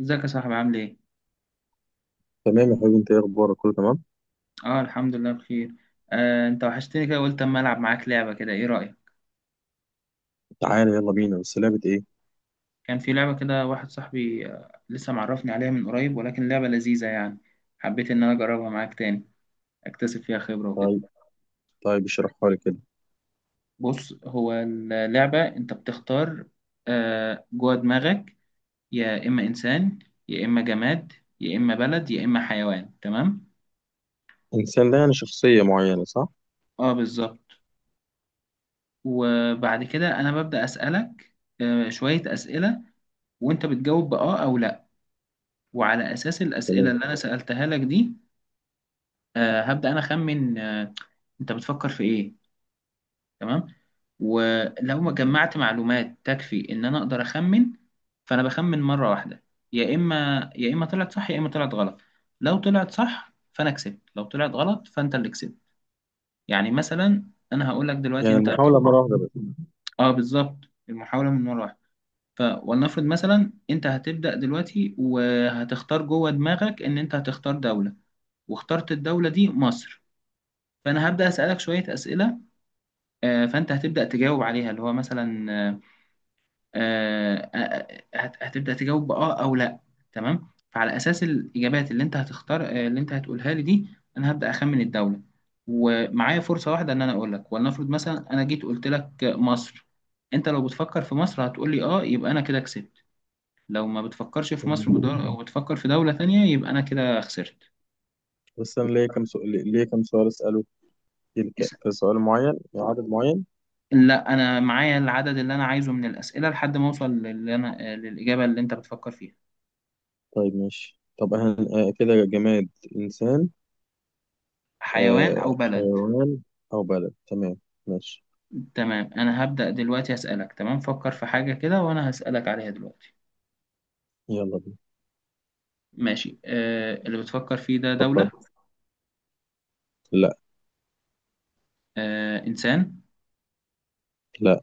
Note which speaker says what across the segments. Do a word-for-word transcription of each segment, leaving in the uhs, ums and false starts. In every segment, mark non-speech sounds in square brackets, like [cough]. Speaker 1: ازيك يا صاحبي، عامل ايه؟
Speaker 2: تمام يا حبيبي، انت ايه اخبارك؟ كله تمام.
Speaker 1: اه، الحمد لله بخير. آه انت وحشتني كده، قلت اما العب معاك لعبة كده، ايه رأيك؟
Speaker 2: تعالى يلا بينا، بس لعبة ايه؟
Speaker 1: كان في لعبة كده واحد صاحبي آه لسه معرفني عليها من قريب، ولكن لعبة لذيذة يعني. حبيت ان انا اجربها معاك تاني، اكتسب فيها خبرة وكده.
Speaker 2: طيب. طيب اشرحها لي كده.
Speaker 1: بص، هو اللعبة انت بتختار آه جوه دماغك، يا اما انسان، يا اما جماد، يا اما بلد، يا اما حيوان، تمام؟
Speaker 2: الانسان ده يعني شخصية معينة صح؟
Speaker 1: اه، بالظبط. وبعد كده انا ببدأ اسألك آه شوية اسئلة، وانت بتجاوب بآه او لا، وعلى اساس الاسئله
Speaker 2: تمام.
Speaker 1: اللي انا سالتها لك دي، آه، هبدا انا اخمن آه، انت بتفكر في ايه. تمام؟ ولو ما جمعت معلومات تكفي ان انا اقدر اخمن، فانا بخمن مره واحده، يا اما يا اما طلعت صح يا اما طلعت غلط. لو طلعت صح فانا كسبت، لو طلعت غلط فانت اللي كسبت. يعني مثلا انا هقول لك دلوقتي
Speaker 2: يعني
Speaker 1: انت...
Speaker 2: المحاولة مرة واحدة بس؟
Speaker 1: اه، بالظبط. المحاوله من مره واحده. فولنفرض مثلا انت هتبدا دلوقتي وهتختار جوه دماغك ان انت هتختار دوله، واخترت الدولة دي مصر. فأنا هبدأ أسألك شوية أسئلة، آه، فأنت هتبدأ تجاوب عليها اللي هو مثلا آه، آه، آه، هت- هتبدأ تجاوب بآه أو لأ. تمام. فعلى أساس الإجابات اللي أنت هتختار آه، اللي أنت هتقولها لي دي، أنا هبدأ أخمن الدولة. ومعايا فرصة واحدة إن أنا أقول لك. ولنفرض مثلا أنا جيت قلت لك مصر، أنت لو بتفكر في مصر هتقول لي آه، يبقى أنا كده كسبت. لو ما بتفكرش في مصر
Speaker 2: تمام.
Speaker 1: وبتدور- وبتفكر في دولة تانية، يبقى أنا كده خسرت.
Speaker 2: بس انا ليا كام سؤال، ليا كام سؤال اسأله كده ك- كسؤال معين، عدد معين.
Speaker 1: لا، انا معايا العدد اللي انا عايزه من الاسئله لحد ما اوصل للي انا للاجابه اللي انت بتفكر فيها.
Speaker 2: طيب ماشي. طب هن... آه كده، جماد؟ انسان؟
Speaker 1: حيوان
Speaker 2: آه
Speaker 1: او بلد؟
Speaker 2: حيوان او بلد؟ تمام ماشي،
Speaker 1: تمام. انا هبدا دلوقتي اسالك. تمام، فكر في حاجه كده وانا هسالك عليها دلوقتي.
Speaker 2: يلا بينا.
Speaker 1: ماشي، آه اللي بتفكر فيه ده دوله؟
Speaker 2: فكرت. لا.
Speaker 1: آه انسان؟
Speaker 2: لا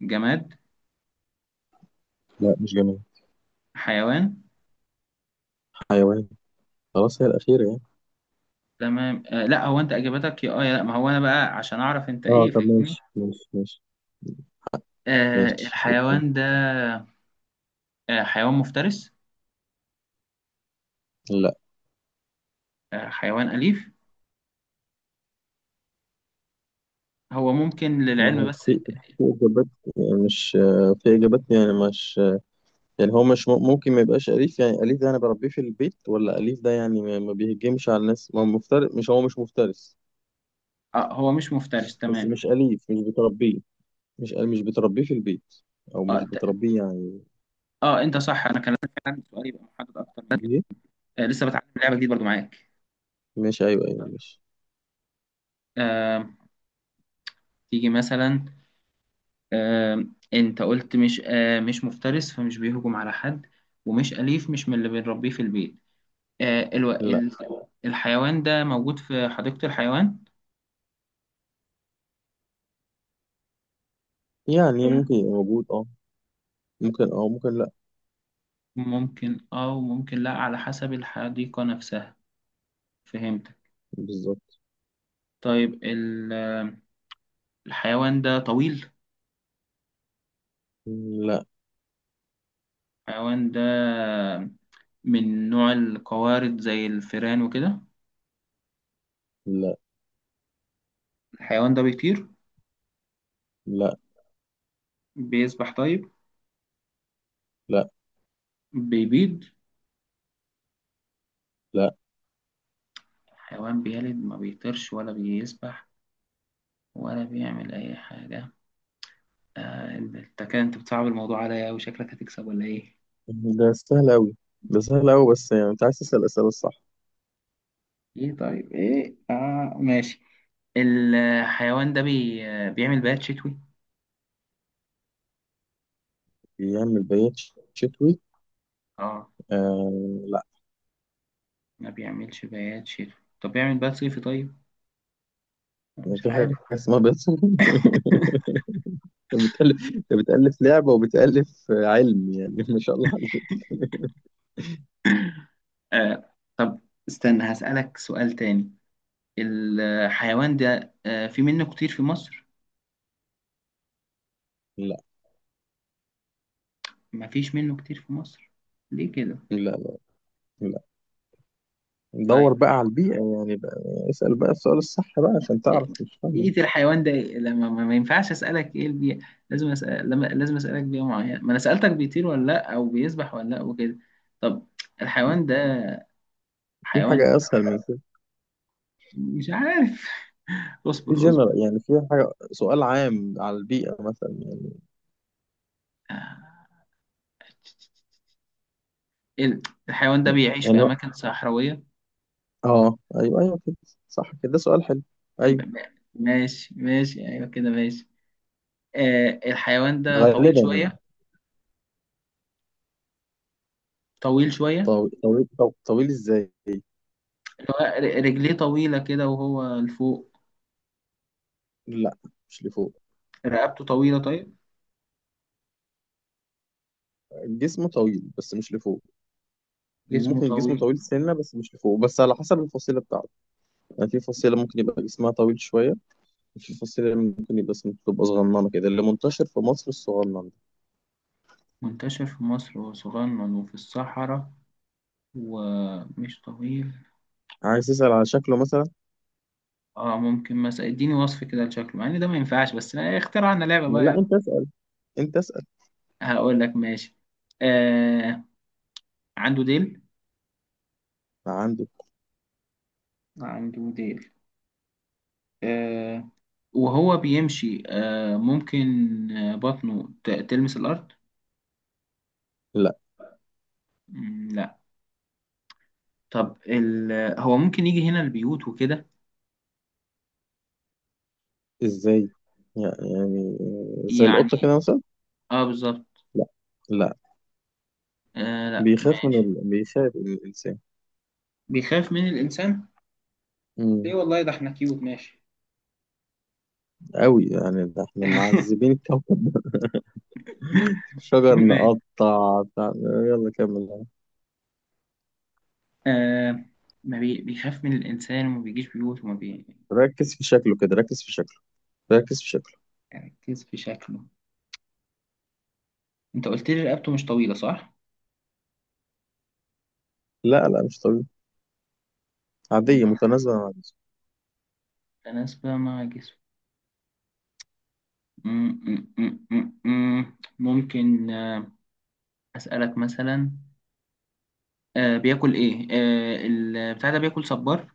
Speaker 1: جماد؟
Speaker 2: لا مش جماد.
Speaker 1: حيوان؟
Speaker 2: حيوان. خلاص هي الأخيرة يعني.
Speaker 1: تمام. آه لا، هو انت اجابتك يا اه يا لا، ما هو انا بقى عشان اعرف انت
Speaker 2: اه
Speaker 1: ايه،
Speaker 2: طب
Speaker 1: فاهمني؟
Speaker 2: ماشي ماشي ماشي.
Speaker 1: آه
Speaker 2: ماشي اوكي.
Speaker 1: الحيوان ده آه حيوان مفترس؟
Speaker 2: لا،
Speaker 1: آه حيوان اليف؟ هو ممكن
Speaker 2: ما
Speaker 1: للعلم
Speaker 2: هو
Speaker 1: بس.
Speaker 2: في، في إجابات، يعني مش في إجابات يعني مش يعني هو مش م- ممكن ما يبقاش أليف. يعني أليف ده أنا بربيه في البيت، ولا أليف ده يعني ما ما بيهجمش على الناس؟ ما هو مفترس، مش هو مش مفترس،
Speaker 1: آه هو مش مفترس،
Speaker 2: بس
Speaker 1: تمام.
Speaker 2: مش أليف، مش بتربيه، مش مش بتربيه في البيت، أو
Speaker 1: اه
Speaker 2: مش
Speaker 1: ت-
Speaker 2: بتربيه يعني.
Speaker 1: اه، انت صح، انا كان لازم كان عندي سؤال يبقى محدد اكتر من كده.
Speaker 2: إيه؟
Speaker 1: آه لسه بتعلم لعبه جديده برضو معاك.
Speaker 2: مش أيوه أيوه مش
Speaker 1: آه تيجي مثلا. آه انت قلت مش آه مش مفترس، فمش بيهجم على حد. ومش اليف، مش من اللي بنربيه في البيت. آه الو...
Speaker 2: لا
Speaker 1: ال... الحيوان ده موجود في حديقه الحيوان؟
Speaker 2: يعني ممكن يبقى موجود، أه ممكن، أه ممكن لا.
Speaker 1: ممكن اه وممكن لا، على حسب الحديقه نفسها. فهمت.
Speaker 2: بالظبط.
Speaker 1: طيب، ال... آه، الحيوان ده طويل؟
Speaker 2: لا
Speaker 1: الحيوان ده من نوع القوارض زي الفيران وكده؟
Speaker 2: لا
Speaker 1: الحيوان ده بيطير؟
Speaker 2: لا
Speaker 1: بيسبح طيب؟
Speaker 2: لا
Speaker 1: بيبيض؟
Speaker 2: لا.
Speaker 1: حيوان بيلد، ما بيطيرش ولا بيسبح ولا بيعمل أي حاجة. آه انت كده انت بتصعب الموضوع عليا أوي، شكلك هتكسب ولا ايه؟
Speaker 2: ده سهل أوي، ده سهل أوي، بس يعني أنت عايز تسأل الأسئلة الصح.
Speaker 1: ايه، طيب، ايه، اه، ماشي. الحيوان ده بي... بيعمل بيات شتوي؟
Speaker 2: يعمل بيات شتوي؟
Speaker 1: اه،
Speaker 2: آه، لا.
Speaker 1: ما بيعملش بيات شتوي. طب بيعمل بيات صيفي طيب؟ مش
Speaker 2: في حاجة
Speaker 1: عارف.
Speaker 2: اسمها بيات صوم [laughs]
Speaker 1: [laughs]
Speaker 2: انت بتألف، انت بتألف لعبة وبتألف علم، يعني ما شاء الله عليك.
Speaker 1: آه طب استنى هسألك سؤال تاني. الحيوان ده آه في منه كتير في مصر؟
Speaker 2: لا
Speaker 1: ما فيش منه كتير في مصر. ليه كده؟
Speaker 2: لا لا لا
Speaker 1: طيب
Speaker 2: دور بقى على البيئة يعني بقى. اسأل بقى السؤال الصح بقى عشان
Speaker 1: إيه-
Speaker 2: تعرف، مش فاهم.
Speaker 1: بيئة الحيوان ده إيه؟ لما ما ما ينفعش أسألك إيه البيئة، لازم أسأل لما لازم أسألك بيئة معينة. ما أنا سألتك بيطير ولا لأ أو بيسبح ولا لأ وكده. طب الحيوان ده
Speaker 2: في
Speaker 1: حيوان...
Speaker 2: حاجة أسهل من كده.
Speaker 1: مش عارف. [laughs]
Speaker 2: في
Speaker 1: اصبر اصبر.
Speaker 2: جنرال يعني، في حاجة سؤال عام على البيئة مثلا يعني.
Speaker 1: آه، ال- الحيوان ده بيعيش
Speaker 2: يعني
Speaker 1: في
Speaker 2: هو-
Speaker 1: أماكن صحراوية.
Speaker 2: اه ايوه ايوه كده، صح كده، ده سؤال حلو.
Speaker 1: م-
Speaker 2: ايوه.
Speaker 1: م- ماشي ماشي، أيوه كده، ماشي. آه الحيوان ده طويل
Speaker 2: غالبا يعني.
Speaker 1: شوية. طويل شوية.
Speaker 2: طويل. طويل طويل ازاي؟
Speaker 1: اللي هو ر- رجليه طويلة كده وهو لفوق؟
Speaker 2: لا مش لفوق.
Speaker 1: رقبته طويلة طيب؟
Speaker 2: جسمه طويل بس مش لفوق.
Speaker 1: جسمه
Speaker 2: ممكن جسمه
Speaker 1: طويل؟
Speaker 2: طويل سنة بس مش لفوق، بس على حسب الفصيلة بتاعته. يعني في فصيلة ممكن يبقى جسمها طويل شوية، وفي فصيلة ممكن يبقى سم- تبقى صغننة كده، اللي منتشر في مصر الصغنن ده.
Speaker 1: منتشر في مصر وصغنن وفي الصحراء ومش طويل.
Speaker 2: عايز تسأل على شكله مثلا؟
Speaker 1: اه، ممكن مثلا اديني وصف كده لشكله، مع ان ده ما ينفعش بس اخترعنا لعبة بقى،
Speaker 2: لا
Speaker 1: يلا.
Speaker 2: انت اسأل، انت اسأل.
Speaker 1: هقول لك ماشي. آه عنده ديل
Speaker 2: عنده.
Speaker 1: عنده ديل آه وهو بيمشي آه ممكن آه بطنه ت- تلمس الأرض؟
Speaker 2: لا.
Speaker 1: مم، لا. طب ال... هو ممكن يجي هنا البيوت وكده؟
Speaker 2: ازاي؟ يعني يعني زي
Speaker 1: يعني؟
Speaker 2: القطة كده مثلا.
Speaker 1: اه، بالظبط.
Speaker 2: لا لا.
Speaker 1: آه لا،
Speaker 2: بيخاف من
Speaker 1: ماشي.
Speaker 2: ال... بيخاف من الإنسان.
Speaker 1: بيخاف من الإنسان. ليه؟
Speaker 2: امم
Speaker 1: والله ده احنا كيوت، ماشي.
Speaker 2: قوي يعني، ده احنا
Speaker 1: [laughs]
Speaker 2: معذبين الكوكب [laughs] شجر
Speaker 1: ماشي.
Speaker 2: نقطع بتاع- يلا كمل.
Speaker 1: آه ما بي... بيخاف من الإنسان وما بيجيش بيوت وما...
Speaker 2: ركز في شكله كده، ركز في شكله، ركز في شكله.
Speaker 1: بيركز في شكله. أنت قلت لي رقبته مش طويلة صح؟
Speaker 2: لا لا مش طبيعي،
Speaker 1: مم،
Speaker 2: عادية متناسبة مع جسمه.
Speaker 1: تناسبة مع جسمه. مم، مم، مم، مم، مم. ممكن آه، أسألك مثلا آه بياكل إيه؟ آه البتاع ده بياكل صبار؟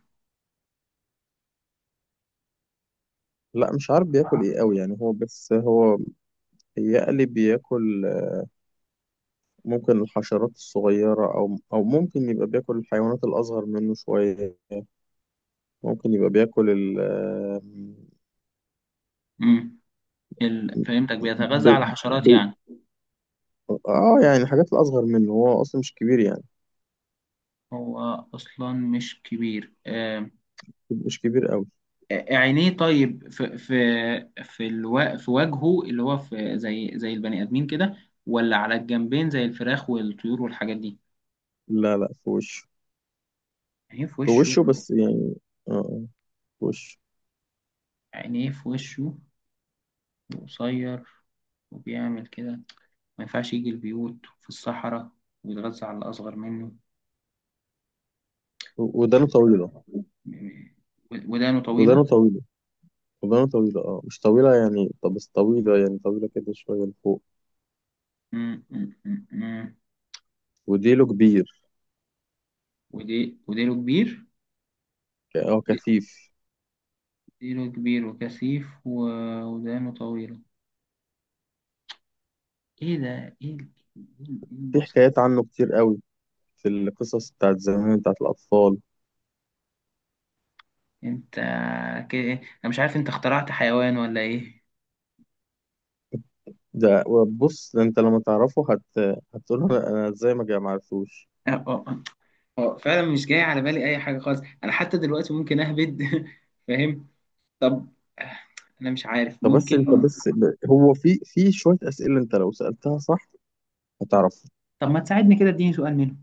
Speaker 2: لا مش عارف بياكل ايه قوي يعني هو، بس هو يقلي بياكل. ممكن الحشرات الصغيرة، او او ممكن يبقى بياكل الحيوانات الاصغر منه شوية. ممكن يبقى بياكل ال
Speaker 1: مم. ال... فهمتك،
Speaker 2: ب...
Speaker 1: بيتغذى على حشرات
Speaker 2: ب...
Speaker 1: يعني.
Speaker 2: اه يعني الحاجات الاصغر منه، هو اصلا مش كبير يعني،
Speaker 1: هو أصلا مش كبير آه
Speaker 2: مش كبير قوي.
Speaker 1: عينيه طيب، في في في الو... في وجهه، اللي هو في زي زي البني ادمين كده، ولا على الجنبين زي الفراخ والطيور والحاجات دي؟
Speaker 2: لا لا في وشه.
Speaker 1: عينيه في
Speaker 2: في
Speaker 1: وشه
Speaker 2: وشه بس يعني، اه، آه، في وشه.
Speaker 1: عينيه في وشه وقصير، وبيعمل كده، ما ينفعش يجي البيوت، في الصحراء، ويتغذى على الأصغر منه. مش-
Speaker 2: ودانه طويلة.
Speaker 1: ودانه طويلة.
Speaker 2: ودانه طويلة، شغلانة طويلة، اه مش طويلة يعني، طب بس طويلة يعني، طويلة كده شوية لفوق.
Speaker 1: مم، مم، مم، مم.
Speaker 2: وديله كبير،
Speaker 1: ودي وديله كبير.
Speaker 2: ك- اه
Speaker 1: دي-
Speaker 2: كثيف.
Speaker 1: ديله كبير وكثيف، و- ودانه طويلة. ايه ده، ايه ال- ايه ال- إيه
Speaker 2: في
Speaker 1: الوصف؟
Speaker 2: حكايات عنه كتير قوي، في القصص بتاعت زمان بتاعت الأطفال.
Speaker 1: انت ك... انا مش عارف، انت اخترعت حيوان ولا ايه؟
Speaker 2: ده بص، ده انت لما تعرفه هت... هتقول انا، أنا ازاي ما جا- ما عرفتوش.
Speaker 1: اه اه آه، آه، فعلا مش جاي على بالي اي حاجه خالص، انا حتى دلوقتي ممكن اهبد. [laughs] فاهم. طب آه، انا مش عارف
Speaker 2: طب بس انت
Speaker 1: ممكن.
Speaker 2: بس ب- هو في، في شوية أسئلة انت لو سألتها صح هتعرفه.
Speaker 1: طب ما تساعدني كده، اديني سؤال منه.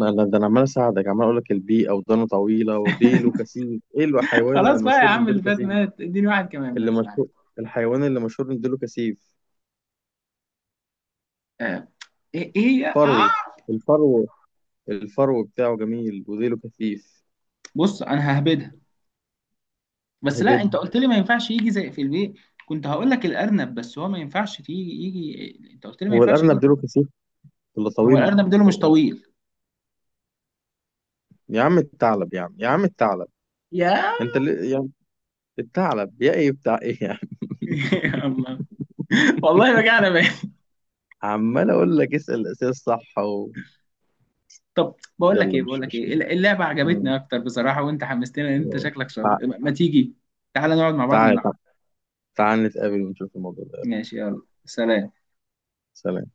Speaker 2: ما انا ده انا عمال اساعدك، عمال اقول لك البيئة، ودانه طويلة وديله
Speaker 1: [laughs]
Speaker 2: كثيف، ايه الحيوان اللي
Speaker 1: خلاص بقى يا
Speaker 2: مشهور
Speaker 1: عم،
Speaker 2: بديله
Speaker 1: اللي فات
Speaker 2: كثيف؟
Speaker 1: مات، اديني واحد كمان
Speaker 2: اللي
Speaker 1: بس، معلش.
Speaker 2: مشهور، الحيوان اللي مشهور بديله كثيف.
Speaker 1: آه، ايه ايه
Speaker 2: فرو،
Speaker 1: آه.
Speaker 2: الفرو، الفرو بتاعه جميل وديله كثيف.
Speaker 1: بص انا ههبدها، بس لا انت
Speaker 2: هبدها.
Speaker 1: قلت لي ما ينفعش يجي زي في البيت. كنت هقول لك الارنب، بس هو ما ينفعش تيجي يجي، انت قلت لي ما
Speaker 2: هو
Speaker 1: ينفعش
Speaker 2: الأرنب
Speaker 1: يجي.
Speaker 2: ديله كثيف ولا
Speaker 1: هو
Speaker 2: طويل؟
Speaker 1: الارنب ديله مش
Speaker 2: و-
Speaker 1: طويل.
Speaker 2: يا عم الثعلب، يا عم، يا عم الثعلب.
Speaker 1: يا [laughs]
Speaker 2: انت اللي يعني، الثعلب يا ايه بتاع ايه يعني.
Speaker 1: يا الله! والله رجعنا بقى.
Speaker 2: [laughs] عمال اقول لك اسأل الأسئلة الصح و...
Speaker 1: طب بقول لك
Speaker 2: يلا
Speaker 1: ايه بقول
Speaker 2: مش
Speaker 1: لك ايه
Speaker 2: مشكلة.
Speaker 1: اللعبه
Speaker 2: مم.
Speaker 1: عجبتني اكتر بصراحه، وانت حمستني ان انت شكلك
Speaker 2: تع-
Speaker 1: شاطر، ما ما تيجي تعالى نقعد مع بعض ونلعب.
Speaker 2: تعال تعال تعال نتقابل ونشوف الموضوع ده، يلا.
Speaker 1: ماشي، يلا سلام.
Speaker 2: سلام.